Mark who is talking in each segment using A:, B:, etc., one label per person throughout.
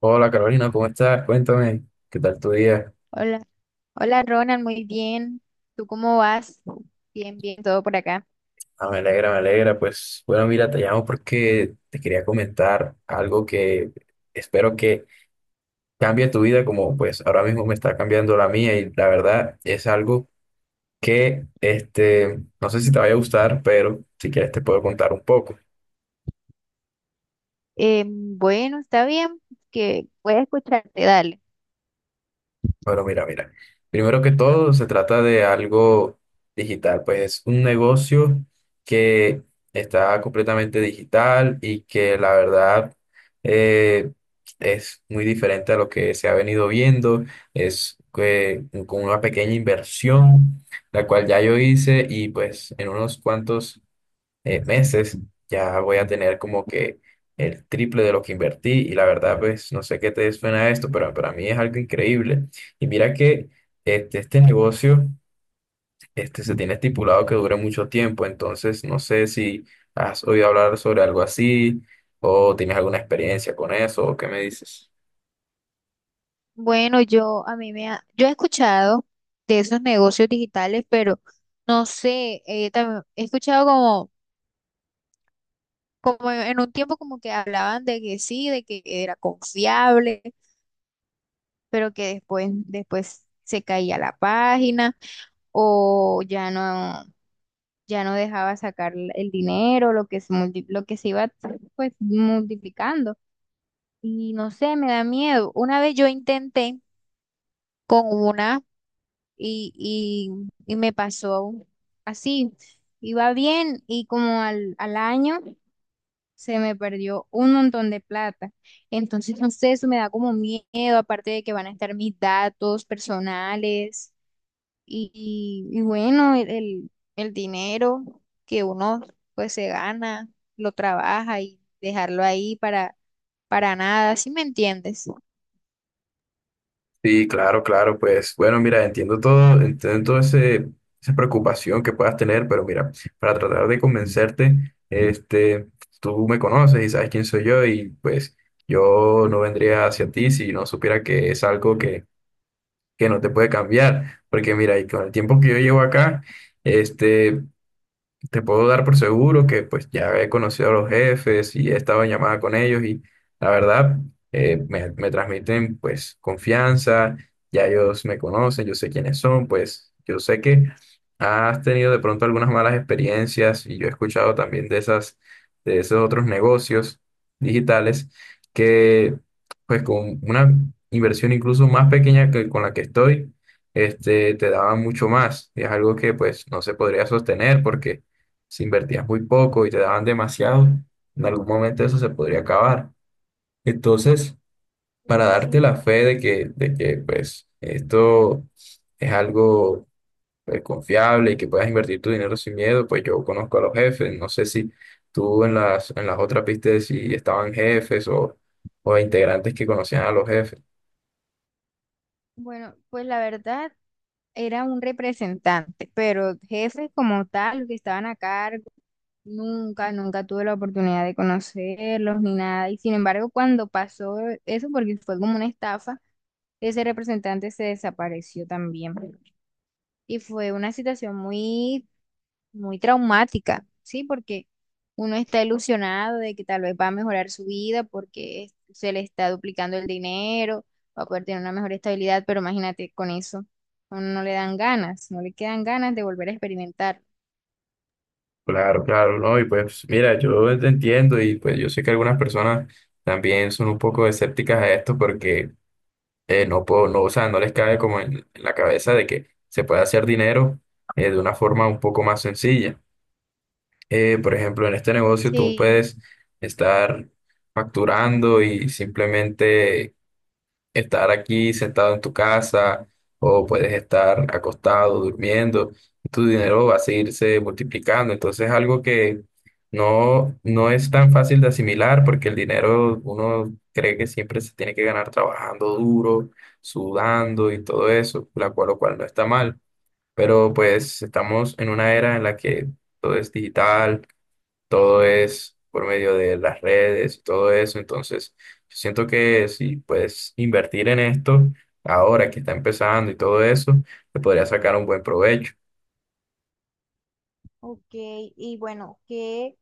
A: Hola Carolina, ¿cómo estás? Cuéntame, ¿qué tal tu día?
B: Hola, hola Ronald, muy bien. ¿Tú cómo vas? Bien, bien, todo por acá.
A: Ah, me alegra, me alegra. Pues bueno, mira, te llamo porque te quería comentar algo que espero que cambie tu vida como pues ahora mismo me está cambiando la mía, y la verdad es algo que no sé si te vaya a gustar, pero si quieres te puedo contar un poco.
B: Bueno, está bien, que voy a escucharte, dale.
A: Bueno, mira. Primero que todo, se trata de algo digital, pues es un negocio que está completamente digital y que la verdad eh, es muy diferente a lo que se ha venido viendo. Es que con una pequeña inversión, la cual ya yo hice, y pues en unos cuantos meses ya voy a tener como que el triple de lo que invertí, y la verdad, pues no sé qué te suena esto, pero para mí es algo increíble. Y mira que este negocio se tiene estipulado que dure mucho tiempo, entonces no sé si has oído hablar sobre algo así o tienes alguna experiencia con eso, o qué me dices.
B: Bueno, yo a mí yo he escuchado de esos negocios digitales, pero no sé, también he escuchado como en un tiempo como que hablaban de que sí, de que era confiable, pero que después se caía la página o ya no. Ya no dejaba sacar el dinero, lo que se iba pues multiplicando. Y no sé, me da miedo. Una vez yo intenté con una y, y me pasó así. Iba bien y como al año se me perdió un montón de plata. Entonces, no sé, eso me da como miedo, aparte de que van a estar mis datos personales. Y bueno, el dinero que uno pues se gana, lo trabaja y dejarlo ahí para nada, ¿sí me entiendes?
A: Sí, claro, claro, pues bueno, mira, entiendo todo esa preocupación que puedas tener, pero mira, para tratar de convencerte, tú me conoces y sabes quién soy yo, y pues yo no vendría hacia ti si no supiera que es algo que no te puede cambiar, porque mira, y con el tiempo que yo llevo acá, este, te puedo dar por seguro que pues ya he conocido a los jefes y he estado en llamada con ellos, y la verdad me transmiten pues confianza. Ya ellos me conocen, yo sé quiénes son, pues yo sé que has tenido de pronto algunas malas experiencias, y yo he escuchado también de de esos otros negocios digitales que pues con una inversión incluso más pequeña que con la que estoy, te daban mucho más, y es algo que pues no se podría sostener, porque si invertías muy poco y te daban demasiado, en algún momento eso se podría acabar. Entonces, para
B: Sí.
A: darte la fe de que pues, esto es algo confiable y que puedas invertir tu dinero sin miedo, pues yo conozco a los jefes. No sé si tú en en las otras viste si estaban jefes o integrantes que conocían a los jefes.
B: Bueno, pues la verdad era un representante, pero jefes como tal, los que estaban a cargo, nunca tuve la oportunidad de conocerlos ni nada. Y sin embargo, cuando pasó eso, porque fue como una estafa, ese representante se desapareció también. Y fue una situación muy traumática, ¿sí? Porque uno está ilusionado de que tal vez va a mejorar su vida se le está duplicando el dinero, va a poder tener una mejor estabilidad, pero imagínate, con eso a uno no le dan ganas, no le quedan ganas de volver a experimentar.
A: Claro, claro, ¿no? Y pues mira, yo te entiendo y pues yo sé que algunas personas también son un poco escépticas a esto porque no, o sea, no les cabe como en la cabeza de que se puede hacer dinero de una forma un poco más sencilla. Por ejemplo, en este negocio tú
B: Sí,
A: puedes estar facturando y simplemente estar aquí sentado en tu casa, o puedes estar acostado, durmiendo, y tu dinero va a seguirse multiplicando. Entonces es algo que no es tan fácil de asimilar, porque el dinero uno cree que siempre se tiene que ganar trabajando duro, sudando y todo eso, lo cual no está mal. Pero pues estamos en una era en la que todo es digital, todo es por medio de las redes y todo eso. Entonces, yo siento que si puedes invertir en esto ahora que está empezando y todo eso, te podría sacar un buen provecho.
B: ok. Y bueno,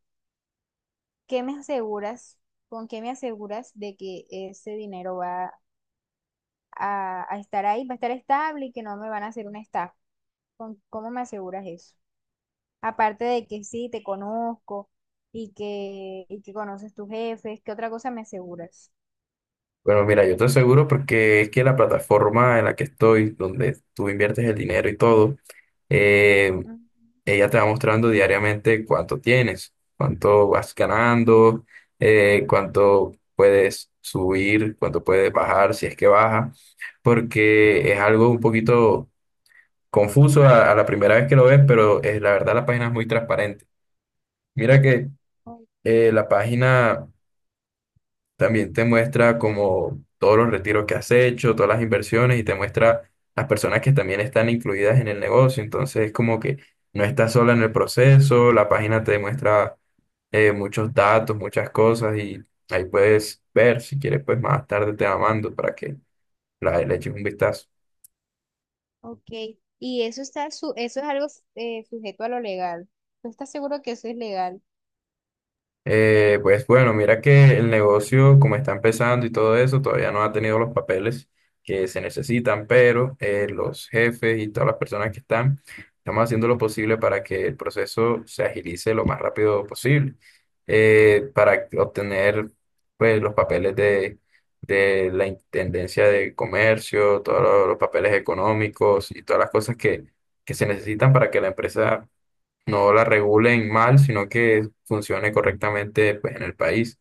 B: ¿qué me aseguras? ¿Con qué me aseguras de que ese dinero va a estar ahí, va a estar estable y que no me van a hacer una estafa? ¿Cómo me aseguras eso? Aparte de que sí, te conozco y que conoces tus jefes, ¿qué otra cosa me aseguras?
A: Bueno, mira, yo te aseguro, porque es que la plataforma en la que estoy, donde tú inviertes el dinero y todo, eh,
B: Mm,
A: ella te va mostrando diariamente cuánto tienes, cuánto vas ganando, cuánto puedes subir, cuánto puedes bajar, si es que baja, porque es algo un poquito confuso a la primera vez que lo ves, pero la verdad la página es muy transparente. Mira que
B: o-
A: la página también te muestra como todos los retiros que has hecho, todas las inversiones, y te muestra las personas que también están incluidas en el negocio. Entonces es como que no estás sola en el proceso, la página te muestra muchos datos, muchas cosas, y ahí puedes ver. Si quieres pues más tarde te la mando para que le eches un vistazo.
B: Ok, y eso eso es algo sujeto a lo legal. ¿Tú estás seguro que eso es legal?
A: Pues bueno, mira que el negocio, como está empezando y todo eso, todavía no ha tenido los papeles que se necesitan, pero los jefes y todas las personas que están, estamos haciendo lo posible para que el proceso se agilice lo más rápido posible, para obtener pues, los papeles de la Intendencia de Comercio, todos los papeles económicos y todas las cosas que se necesitan para que la empresa no la regulen mal, sino que funcione correctamente pues, en el país.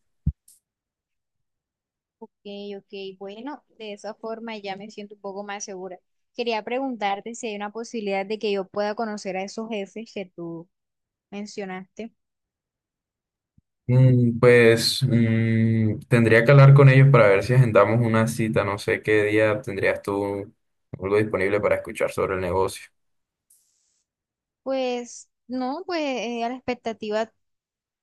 B: Ok, ok, bueno, de esa forma ya me siento un poco más segura. Quería preguntarte si hay una posibilidad de que yo pueda conocer a esos jefes que tú mencionaste.
A: Mm, pues mm, tendría que hablar con ellos para ver si agendamos una cita. No sé qué día tendrías tú algo disponible para escuchar sobre el negocio.
B: Pues no, pues a la expectativa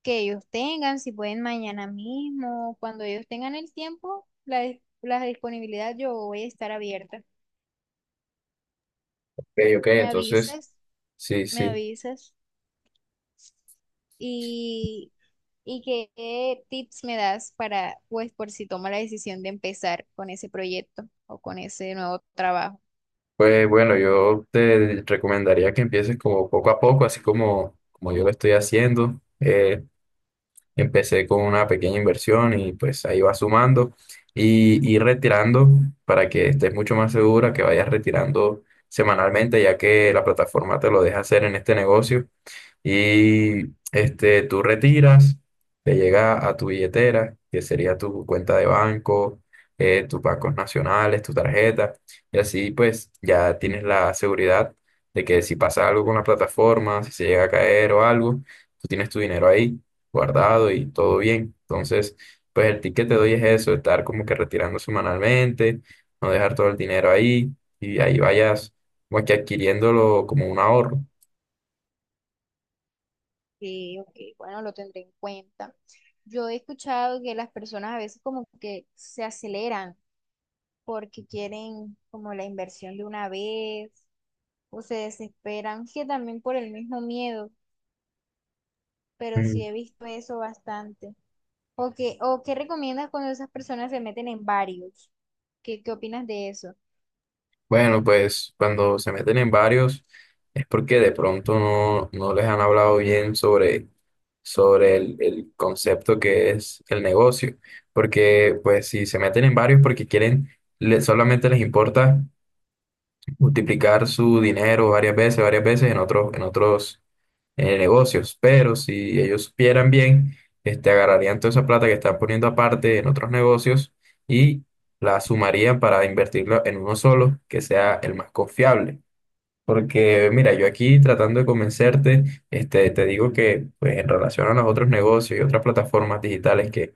B: que ellos tengan, si pueden mañana mismo, cuando ellos tengan el tiempo, la disponibilidad, yo voy a estar abierta.
A: Ok, ok,
B: Me
A: entonces,
B: avisas,
A: sí,
B: me
A: sí.
B: avisas y, qué tips me das para, pues, por si tomo la decisión de empezar con ese proyecto o con ese nuevo trabajo.
A: Pues bueno, yo te recomendaría que empieces como poco a poco, así como yo lo estoy haciendo. Empecé con una pequeña inversión y pues ahí vas sumando y retirando, para que estés mucho más segura, que vayas retirando semanalmente, ya que la plataforma te lo deja hacer en este negocio. Y este, tú retiras, te llega a tu billetera, que sería tu cuenta de banco, tus bancos nacionales, tu tarjeta, y así pues ya tienes la seguridad de que si pasa algo con la plataforma, si se llega a caer o algo, tú tienes tu dinero ahí guardado y todo bien. Entonces, pues el tip que te doy es eso, estar como que retirando semanalmente, no dejar todo el dinero ahí, y ahí vayas como que adquiriéndolo como un ahorro.
B: Sí, ok, bueno, lo tendré en cuenta. Yo he escuchado que las personas a veces como que se aceleran porque quieren como la inversión de una vez o se desesperan, que también por el mismo miedo, pero sí he visto eso bastante. O qué recomiendas cuando esas personas se meten en varios? ¿Qué opinas de eso?
A: Bueno, pues cuando se meten en varios es porque de pronto no les han hablado bien sobre el concepto que es el negocio. Porque pues si se meten en varios porque quieren, le- solamente les importa multiplicar su dinero varias veces en en otros negocios. Pero si ellos supieran bien, agarrarían toda esa plata que están poniendo aparte en otros negocios y la sumarían para invertirla en uno solo, que sea el más confiable. Porque mira, yo aquí tratando de convencerte, te digo que pues, en relación a los otros negocios y otras plataformas digitales que,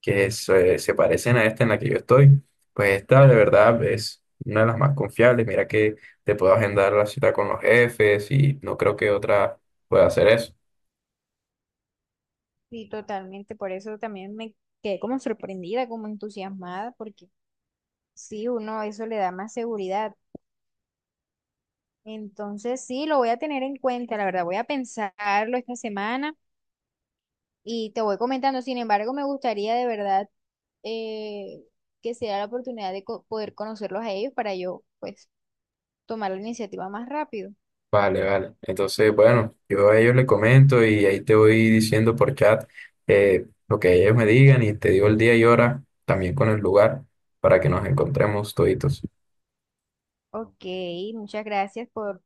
A: que se, se parecen a esta en la que yo estoy, pues esta de verdad es una de las más confiables. Mira que te puedo agendar la cita con los jefes, y no creo que otra pueda hacer eso.
B: Sí, totalmente, por eso también me quedé como sorprendida, como entusiasmada, porque sí, uno eso le da más seguridad. Entonces, sí, lo voy a tener en cuenta, la verdad, voy a pensarlo esta semana y te voy comentando. Sin embargo, me gustaría de verdad eh, que sea la oportunidad de poder conocerlos a ellos para yo, pues, tomar la iniciativa más rápido.
A: Vale, vale. Entonces, bueno, yo a ellos le comento y ahí te voy diciendo por chat lo que ellos me digan, y te digo el día y hora, también con el lugar, para que nos encontremos toditos.
B: Ok, muchas gracias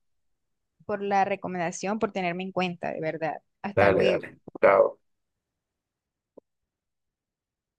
B: por la recomendación, por tenerme en cuenta, de verdad. Hasta
A: Dale,
B: luego.
A: dale. Chao.